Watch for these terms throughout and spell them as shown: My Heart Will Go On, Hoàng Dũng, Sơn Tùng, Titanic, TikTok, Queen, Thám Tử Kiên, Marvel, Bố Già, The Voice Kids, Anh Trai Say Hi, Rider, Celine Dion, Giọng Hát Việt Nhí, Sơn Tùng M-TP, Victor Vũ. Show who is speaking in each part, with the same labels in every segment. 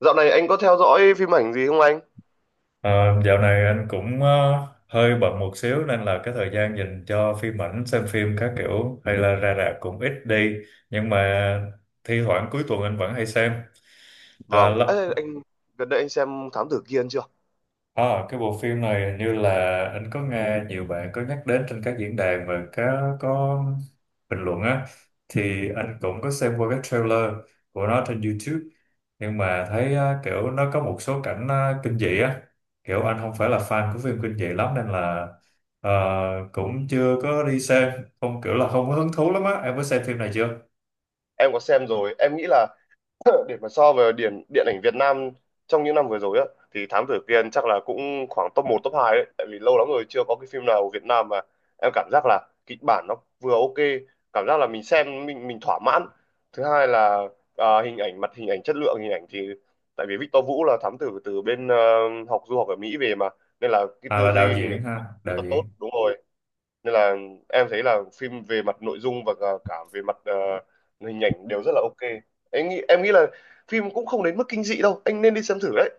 Speaker 1: Dạo này anh có theo dõi phim ảnh gì không anh?
Speaker 2: Ờ, Dạo này anh cũng hơi bận một xíu nên là cái thời gian dành cho phim ảnh xem phim các kiểu hay là ra rạp cũng ít đi, nhưng mà thi thoảng cuối tuần anh vẫn hay xem. À,
Speaker 1: Vâng. Ê, gần đây anh xem Thám Tử Kiên chưa?
Speaker 2: Ờ, cái bộ phim này hình như là anh có nghe nhiều bạn có nhắc đến trên các diễn đàn và có bình luận á, thì anh cũng có xem qua cái trailer của nó trên YouTube, nhưng mà thấy á, kiểu nó có một số cảnh á, kinh dị á, kiểu anh không phải là fan của phim kinh dị lắm nên là ờ, cũng chưa có đi xem, không kiểu là không có hứng thú lắm á, em có xem phim này chưa?
Speaker 1: Em có xem rồi. Em nghĩ là để mà so với điện điện ảnh Việt Nam trong những năm vừa rồi á, thì Thám Tử Kiên chắc là cũng khoảng top một top 2 đấy. Tại vì lâu lắm rồi chưa có cái phim nào của Việt Nam mà em cảm giác là kịch bản nó vừa ok, cảm giác là mình xem mình thỏa mãn. Thứ hai là, hình ảnh, mặt hình ảnh, chất lượng hình ảnh thì tại vì Victor Vũ là thám tử từ bên du học ở Mỹ về mà, nên là cái
Speaker 2: À
Speaker 1: tư
Speaker 2: là đạo
Speaker 1: duy hình ảnh
Speaker 2: diễn ha,
Speaker 1: rất
Speaker 2: đạo
Speaker 1: là tốt,
Speaker 2: diễn.
Speaker 1: đúng rồi. Nên là em thấy là phim về mặt nội dung và cả cả về mặt hình ảnh đều rất là ok. Em nghĩ là phim cũng không đến mức kinh dị đâu anh, nên đi xem thử đấy.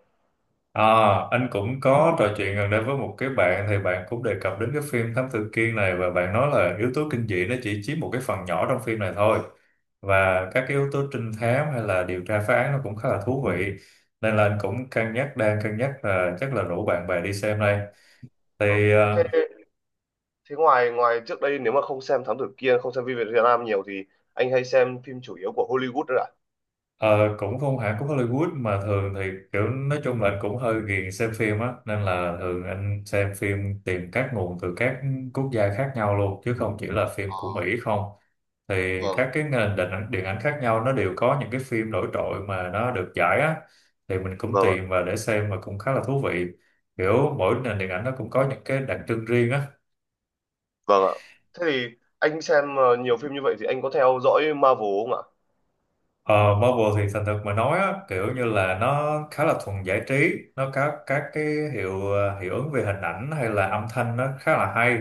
Speaker 2: À, anh cũng có trò chuyện gần đây với một cái bạn thì bạn cũng đề cập đến cái phim Thám Tử Kiên này và bạn nói là yếu tố kinh dị nó chỉ chiếm một cái phần nhỏ trong phim này thôi, và các cái yếu tố trinh thám hay là điều tra phá án nó cũng khá là thú vị, nên là anh cũng cân nhắc, đang cân nhắc là chắc là rủ bạn bè đi xem đây
Speaker 1: Ờ.
Speaker 2: thì
Speaker 1: thế thế ngoài ngoài trước đây nếu mà không xem Thám Tử Kiên, không xem phim Việt Nam nhiều thì anh hay xem phim chủ yếu của Hollywood đấy ạ?
Speaker 2: Ờ, cũng không hẳn, cũng Hollywood mà thường thì kiểu nói chung là anh cũng hơi ghiền xem phim á, nên là thường anh xem phim tìm các nguồn từ các quốc gia khác nhau luôn chứ không chỉ là phim của Mỹ không, thì
Speaker 1: Vâng.
Speaker 2: các cái nền điện ảnh khác nhau nó đều có những cái phim nổi trội mà nó được giải á, thì mình cũng
Speaker 1: Vâng ạ.
Speaker 2: tìm và để xem mà cũng khá là thú vị, kiểu mỗi nền điện ảnh nó cũng có những cái đặc trưng riêng á.
Speaker 1: Vâng ạ. Thế thì anh xem nhiều phim như vậy thì anh có theo dõi Marvel không
Speaker 2: Ờ, Marvel thì thành thật mà nói á, kiểu như là nó khá là thuần giải trí, nó có các cái hiệu ứng về hình ảnh hay là âm thanh nó khá là hay.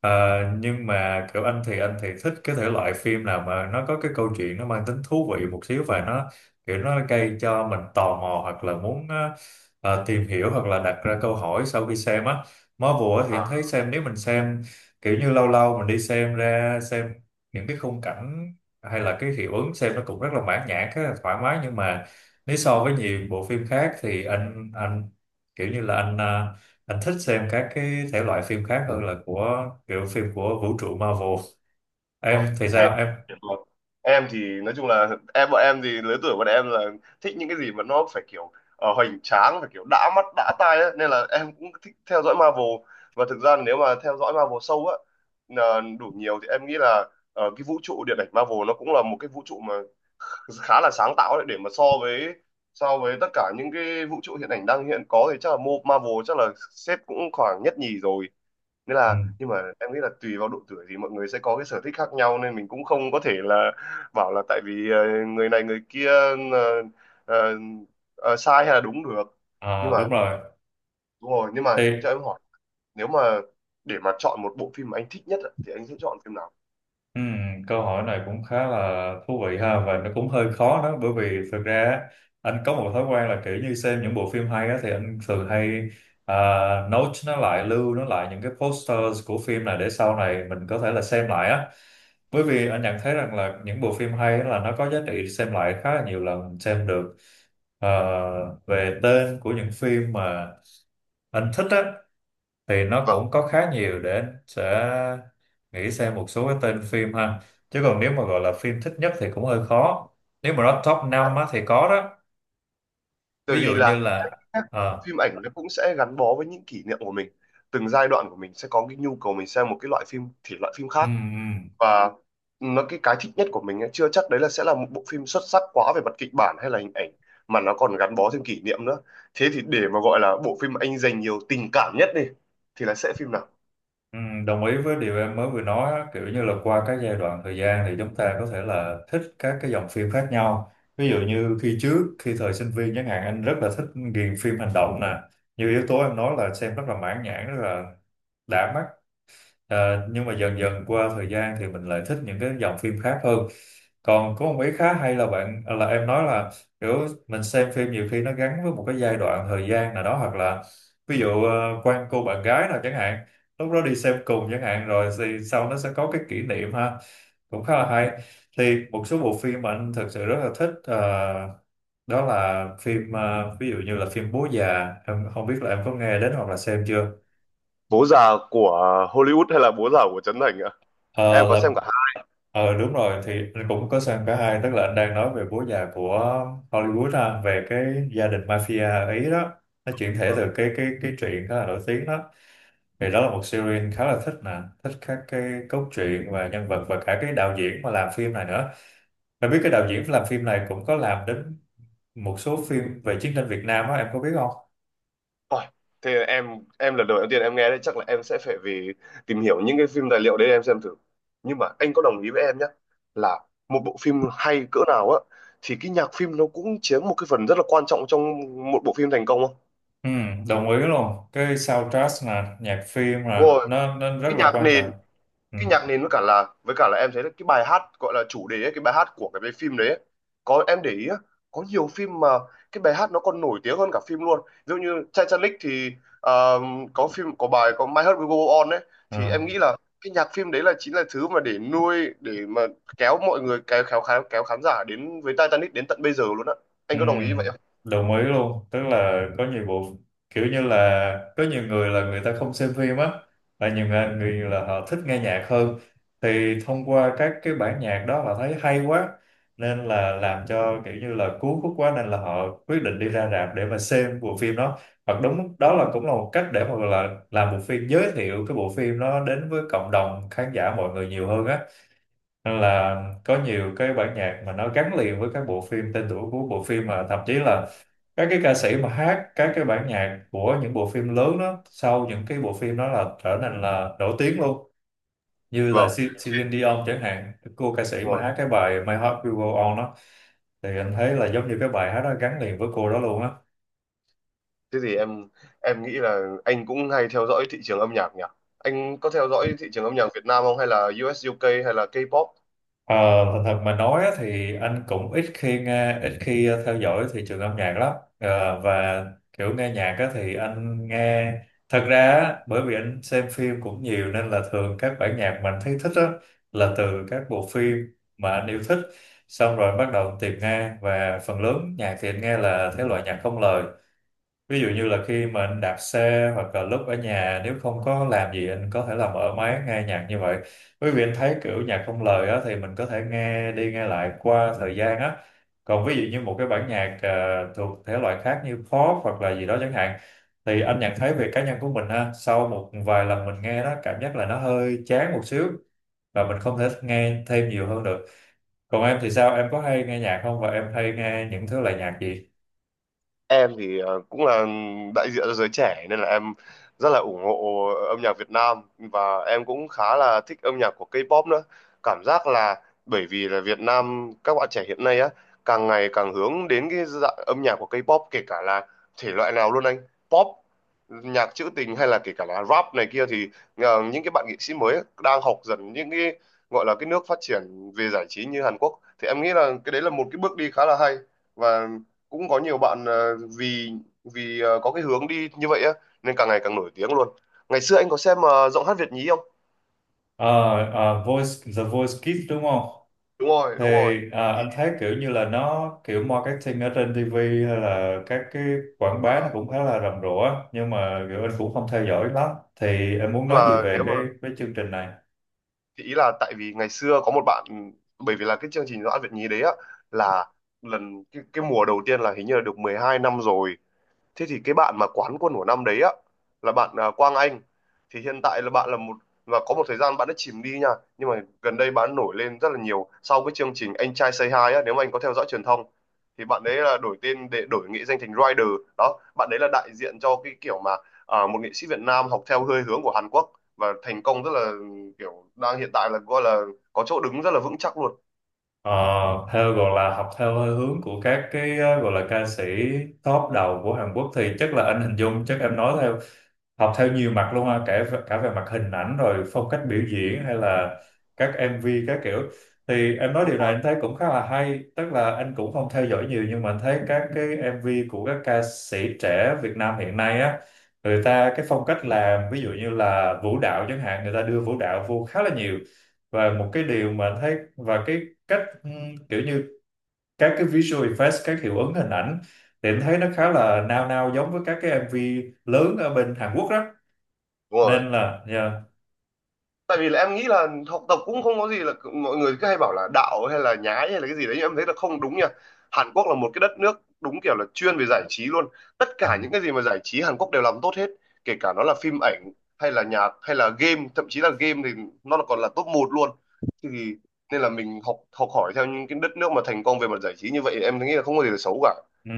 Speaker 2: Ờ, nhưng mà kiểu anh thì thích cái thể loại phim nào mà nó có cái câu chuyện nó mang tính thú vị một xíu và nó kiểu nó gây cho mình tò mò hoặc là muốn tìm hiểu hoặc là đặt ra câu hỏi sau khi xem á. Marvel á thì
Speaker 1: ạ?
Speaker 2: anh thấy xem nếu mình xem kiểu như lâu lâu mình đi xem ra xem những cái khung cảnh hay là cái hiệu ứng xem nó cũng rất là mãn nhãn rất là thoải mái, nhưng mà nếu so với nhiều bộ phim khác thì anh kiểu như là anh thích xem các cái thể loại phim khác hơn là của kiểu phim của vũ trụ Marvel.
Speaker 1: Vâng.
Speaker 2: Em thì
Speaker 1: Thế,
Speaker 2: sao em?
Speaker 1: vâng. Em thì nói chung là, bọn em thì lứa tuổi bọn em là thích những cái gì mà nó phải kiểu hoành tráng, phải kiểu đã mắt đã tai ấy. Nên là em cũng thích theo dõi Marvel. Và thực ra nếu mà theo dõi Marvel sâu á, là đủ nhiều thì em nghĩ là cái vũ trụ điện ảnh Marvel nó cũng là một cái vũ trụ mà khá là sáng tạo đấy, để mà so với tất cả những cái vũ trụ hiện ảnh đang hiện có thì chắc là Marvel chắc là xếp cũng khoảng nhất nhì rồi. Nghĩa
Speaker 2: Ừ.
Speaker 1: là, nhưng mà em nghĩ là tùy vào độ tuổi thì mọi người sẽ có cái sở thích khác nhau, nên mình cũng không có thể là bảo là tại vì người này người kia ờ, ờ, sai hay là đúng được. Nhưng
Speaker 2: À,
Speaker 1: mà
Speaker 2: đúng rồi.
Speaker 1: đúng rồi, nhưng mà cho em hỏi, nếu mà để mà chọn một bộ phim mà anh thích nhất ạ, thì anh sẽ chọn phim nào?
Speaker 2: Ừ, câu hỏi này cũng khá là thú vị ha, và nó cũng hơi khó đó, bởi vì thực ra á, anh có một thói quen là kiểu như xem những bộ phim hay á, thì anh thường hay à, note nó lại, lưu nó lại những cái posters của phim này để sau này mình có thể là xem lại á, bởi vì anh nhận thấy rằng là những bộ phim hay á là nó có giá trị xem lại khá là nhiều lần mình xem được. Ờ, về tên của những phim mà anh thích á thì nó
Speaker 1: Vâng.
Speaker 2: cũng có khá nhiều để anh sẽ nghĩ xem một số cái tên phim ha, chứ còn nếu mà gọi là phim thích nhất thì cũng hơi khó, nếu mà nó top 5 á, thì có đó,
Speaker 1: Bởi
Speaker 2: ví
Speaker 1: vì
Speaker 2: dụ như
Speaker 1: là các
Speaker 2: là
Speaker 1: các
Speaker 2: ờ,
Speaker 1: phim ảnh nó cũng sẽ gắn bó với những kỷ niệm của mình. Từng giai đoạn của mình sẽ có cái nhu cầu mình xem một cái loại phim thể loại phim
Speaker 2: ừ,
Speaker 1: khác,
Speaker 2: ừ,
Speaker 1: và nó, cái thích nhất của mình ấy, chưa chắc đấy là sẽ là một bộ phim xuất sắc quá về mặt kịch bản hay là hình ảnh, mà nó còn gắn bó thêm kỷ niệm nữa. Thế thì để mà gọi là bộ phim anh dành nhiều tình cảm nhất đi, thì là sẽ phim nào?
Speaker 2: ừ, đồng ý với điều em mới vừa nói á, kiểu như là qua các giai đoạn thời gian thì chúng ta có thể là thích các cái dòng phim khác nhau, ví dụ như khi trước khi thời sinh viên chẳng hạn anh rất là thích, ghiền phim hành động nè, như yếu tố em nói là xem rất là mãn nhãn rất là đã mắt. Ờ, nhưng mà dần dần qua thời gian thì mình lại thích những cái dòng phim khác hơn. Còn có một ý khá hay là bạn à, là em nói là kiểu mình xem phim nhiều khi nó gắn với một cái giai đoạn thời gian nào đó, hoặc là ví dụ quen cô bạn gái nào chẳng hạn lúc đó đi xem cùng chẳng hạn, rồi thì sau nó sẽ có cái kỷ niệm ha, cũng khá là hay. Thì một số bộ phim mà anh thật sự rất là thích ờ, đó là phim ờ, ví dụ như là phim Bố Già, em không biết là em có nghe đến hoặc là xem chưa?
Speaker 1: Bố Già của Hollywood hay là Bố Già của Trấn Thành ạ? Em
Speaker 2: Ờ,
Speaker 1: có
Speaker 2: là
Speaker 1: xem cả hai.
Speaker 2: ờ đúng rồi, thì anh cũng có sang cả hai, tức là anh đang nói về Bố Già của Hollywood ha, về cái gia đình mafia ở Ý đó, nó chuyển thể từ cái truyện khá là nổi tiếng đó, thì đó là một series khá là thích nè, thích các cái cốt truyện và nhân vật và cả cái đạo diễn mà làm phim này nữa. Em biết cái đạo diễn làm phim này cũng có làm đến một số phim về chiến tranh Việt Nam á, em có biết không?
Speaker 1: Ôi, thế em lần đầu tiên em nghe đấy, chắc là em sẽ phải về tìm hiểu những cái phim tài liệu đấy em xem thử. Nhưng mà anh có đồng ý với em nhé, là một bộ phim hay cỡ nào á, thì cái nhạc phim nó cũng chiếm một cái phần rất là quan trọng trong một bộ phim thành công không?
Speaker 2: Ừ, đồng ý luôn, cái soundtrack nè, nhạc phim
Speaker 1: Đúng
Speaker 2: nè,
Speaker 1: Rồi,
Speaker 2: nó rất
Speaker 1: cái
Speaker 2: là
Speaker 1: nhạc
Speaker 2: quan
Speaker 1: nền.
Speaker 2: trọng. Ừ.
Speaker 1: Cái nhạc nền với cả là em thấy là cái bài hát gọi là chủ đề ấy, cái bài hát của cái phim đấy ấy. Có em để ý á, có nhiều phim mà cái bài hát nó còn nổi tiếng hơn cả phim luôn, ví dụ như Titanic thì ờ, có bài, có My Heart Will Go On ấy.
Speaker 2: Ừ.
Speaker 1: Thì em nghĩ là cái nhạc phim đấy là chính là thứ mà để mà kéo mọi người kéo kéo khán giả đến với Titanic đến tận bây giờ luôn á. Anh
Speaker 2: Ừ,
Speaker 1: có đồng ý vậy không?
Speaker 2: đồng ý luôn, tức là có nhiều bộ, kiểu như là có nhiều người là người ta không xem phim á, là nhiều người là họ thích nghe nhạc hơn, thì thông qua các cái bản nhạc đó họ thấy hay quá, nên là làm cho kiểu như là cuốn hút quá nên là họ quyết định đi ra rạp để mà xem bộ phim đó, hoặc đúng đó là cũng là một cách để mà gọi là làm bộ phim, giới thiệu cái bộ phim đó đến với cộng đồng khán giả mọi người nhiều hơn á, nên là có nhiều cái bản nhạc mà nó gắn liền với các bộ phim, tên tuổi của bộ phim, mà thậm chí là các cái ca sĩ mà hát các cái bản nhạc của những bộ phim lớn đó, sau những cái bộ phim đó là trở nên là nổi tiếng luôn, như là
Speaker 1: Vâng,
Speaker 2: Celine Dion chẳng hạn, cô ca sĩ mà
Speaker 1: rồi.
Speaker 2: hát cái bài My Heart Will Go On đó, thì anh thấy là giống như cái bài hát đó gắn liền với cô đó luôn á.
Speaker 1: Thế thì em nghĩ là anh cũng hay theo dõi thị trường âm nhạc nhỉ? Anh có theo dõi thị trường âm nhạc Việt Nam không, hay là US UK hay là K-pop?
Speaker 2: Ờ, thật thật mà nói á, thì anh cũng ít khi nghe, ít khi theo dõi thị trường âm nhạc lắm. Ờ, và kiểu nghe nhạc á, thì anh nghe, thật ra á, bởi vì anh xem phim cũng nhiều nên là thường các bản nhạc mà anh thấy thích á, là từ các bộ phim mà anh yêu thích, xong rồi bắt đầu tìm nghe, và phần lớn nhạc thì anh nghe là thể loại nhạc không lời. Ví dụ như là khi mà anh đạp xe hoặc là lúc ở nhà nếu không có làm gì anh có thể là mở máy nghe nhạc như vậy. Bởi vì anh thấy kiểu nhạc không lời á, thì mình có thể nghe đi nghe lại qua thời gian á. Còn ví dụ như một cái bản nhạc à, thuộc thể loại khác như pop hoặc là gì đó chẳng hạn, thì anh nhận thấy về cá nhân của mình ha, sau một vài lần mình nghe đó cảm giác là nó hơi chán một xíu, và mình không thể nghe thêm nhiều hơn được. Còn em thì sao? Em có hay nghe nhạc không và em hay nghe những thứ loại nhạc gì?
Speaker 1: Em thì cũng là đại diện cho giới trẻ nên là em rất là ủng hộ âm nhạc Việt Nam, và em cũng khá là thích âm nhạc của K-pop nữa. Cảm giác là bởi vì là Việt Nam các bạn trẻ hiện nay á, càng ngày càng hướng đến cái dạng âm nhạc của K-pop, kể cả là thể loại nào luôn anh, pop, nhạc trữ tình hay là kể cả là rap này kia, thì những cái bạn nghệ sĩ mới đang học dần những cái gọi là cái nước phát triển về giải trí như Hàn Quốc, thì em nghĩ là cái đấy là một cái bước đi khá là hay. Và cũng có nhiều bạn vì vì có cái hướng đi như vậy á, nên càng ngày càng nổi tiếng luôn. Ngày xưa anh có xem giọng hát Việt nhí không?
Speaker 2: Ờ, Voice, The Voice Kids đúng không?
Speaker 1: Đúng rồi,
Speaker 2: Thì
Speaker 1: đúng rồi.
Speaker 2: à,
Speaker 1: Thì,
Speaker 2: anh thấy kiểu như là nó kiểu marketing ở trên TV hay là các cái quảng
Speaker 1: ờ,
Speaker 2: bá nó cũng khá là rầm rộ á, nhưng mà kiểu anh cũng không theo dõi lắm, thì em muốn
Speaker 1: mà
Speaker 2: nói gì về
Speaker 1: nếu mà
Speaker 2: cái chương trình này?
Speaker 1: thì ý là tại vì ngày xưa có một bạn, bởi vì là cái chương trình giọng hát Việt nhí đấy á, là lần cái mùa đầu tiên là hình như là được 12 năm rồi. Thế thì cái bạn mà quán quân của năm đấy á, là bạn Quang Anh. Thì hiện tại là bạn là một, và có một thời gian bạn đã chìm đi nha, nhưng mà gần đây bạn nổi lên rất là nhiều sau cái chương trình Anh Trai Say Hi á, nếu mà anh có theo dõi truyền thông, thì bạn đấy là đổi tên để đổi nghệ danh thành Rider. Đó, bạn đấy là đại diện cho cái kiểu mà một nghệ sĩ Việt Nam học theo hơi hướng của Hàn Quốc, và thành công rất là kiểu đang hiện tại là gọi là có chỗ đứng rất là vững chắc luôn.
Speaker 2: Ờ, theo gọi là học theo hơi hướng của các cái ờ, gọi là ca sĩ top đầu của Hàn Quốc, thì chắc là anh hình dung chắc em nói theo, học theo nhiều mặt luôn ha, kể cả cả về mặt hình ảnh rồi phong cách biểu diễn hay là các MV các kiểu, thì em nói
Speaker 1: Đúng
Speaker 2: điều này
Speaker 1: rồi.
Speaker 2: anh thấy cũng khá là hay, tức là anh cũng không theo dõi nhiều nhưng mà anh thấy các cái MV của các ca sĩ trẻ Việt Nam hiện nay á, người ta cái phong cách làm ví dụ như là vũ đạo chẳng hạn, người ta đưa vũ đạo vô khá là nhiều, và một cái điều mà anh thấy và cái cách kiểu như các cái visual effects, các hiệu ứng hình ảnh, thì em thấy nó
Speaker 1: Ừ,
Speaker 2: khá là nao nao giống với các cái MV lớn ở bên Hàn Quốc đó,
Speaker 1: đúng rồi.
Speaker 2: nên là yeah.
Speaker 1: Tại vì là em nghĩ là học tập cũng không có gì, là mọi người cứ hay bảo là đạo hay là nhái hay là cái gì đấy, nhưng em thấy là không đúng nha. Hàn Quốc là một cái đất nước đúng kiểu là chuyên về giải trí luôn, tất
Speaker 2: Ừ.
Speaker 1: cả những cái gì mà giải trí Hàn Quốc đều làm tốt hết, kể cả nó là phim ảnh hay là nhạc hay là game, thậm chí là game thì nó là còn là top một luôn. Thì nên là mình học học hỏi theo những cái đất nước mà thành công về mặt giải trí như vậy, em nghĩ là không có gì là xấu cả.
Speaker 2: Ừ.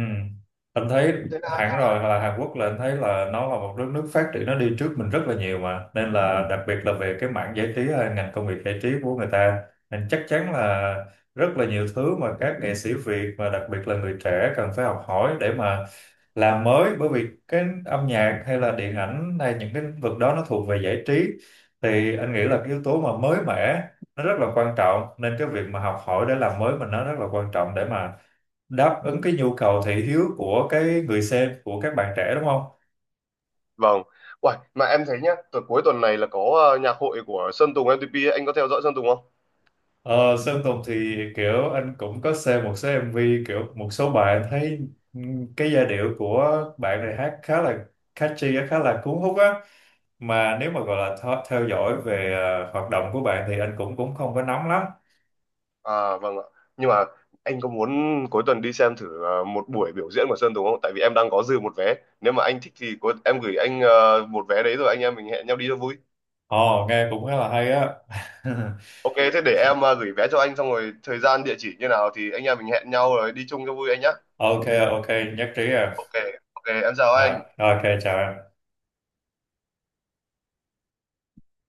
Speaker 2: Anh thấy
Speaker 1: Thế là-
Speaker 2: hẳn rồi, là Hàn Quốc là anh thấy là nó là một đất nước phát triển, nó đi trước mình rất là nhiều mà, nên là đặc biệt là về cái mảng giải trí hay ngành công nghiệp giải trí của người ta, nên chắc chắn là rất là nhiều thứ mà các nghệ sĩ Việt và đặc biệt là người trẻ cần phải học hỏi để mà làm mới, bởi vì cái âm nhạc hay là điện ảnh hay những cái lĩnh vực đó nó thuộc về giải trí, thì anh nghĩ là cái yếu tố mà mới mẻ nó rất là quan trọng, nên cái việc mà học hỏi để làm mới mình nó rất là quan trọng để mà đáp ứng cái nhu cầu thị hiếu của cái người xem của các bạn trẻ đúng không?
Speaker 1: Vâng. Uầy, mà em thấy nhá, cuối tuần này là có nhạc hội của Sơn Tùng M-TP ấy. Anh có theo dõi Sơn Tùng không?
Speaker 2: Ờ, Sơn Tùng thì kiểu anh cũng có xem một số MV, kiểu một số bạn thấy cái giai điệu của bạn này hát khá là catchy á, khá là cuốn hút á, mà nếu mà gọi là theo dõi về hoạt động của bạn thì anh cũng cũng không có nắm lắm.
Speaker 1: À vâng ạ. Nhưng mà anh có muốn cuối tuần đi xem thử một buổi biểu diễn của Sơn Tùng không? Tại vì em đang có dư một vé. Nếu mà anh thích thì có, em gửi anh một vé đấy, rồi anh em mình hẹn nhau đi cho vui.
Speaker 2: Ồ nghe cũng khá là hay á.
Speaker 1: Ok, thế để em gửi vé cho anh, xong rồi thời gian địa chỉ như nào thì anh em mình hẹn nhau rồi đi chung cho vui anh nhá.
Speaker 2: Ok, ok, nhất trí à.
Speaker 1: Ok, ok, em chào
Speaker 2: À,
Speaker 1: anh.
Speaker 2: ok chào em.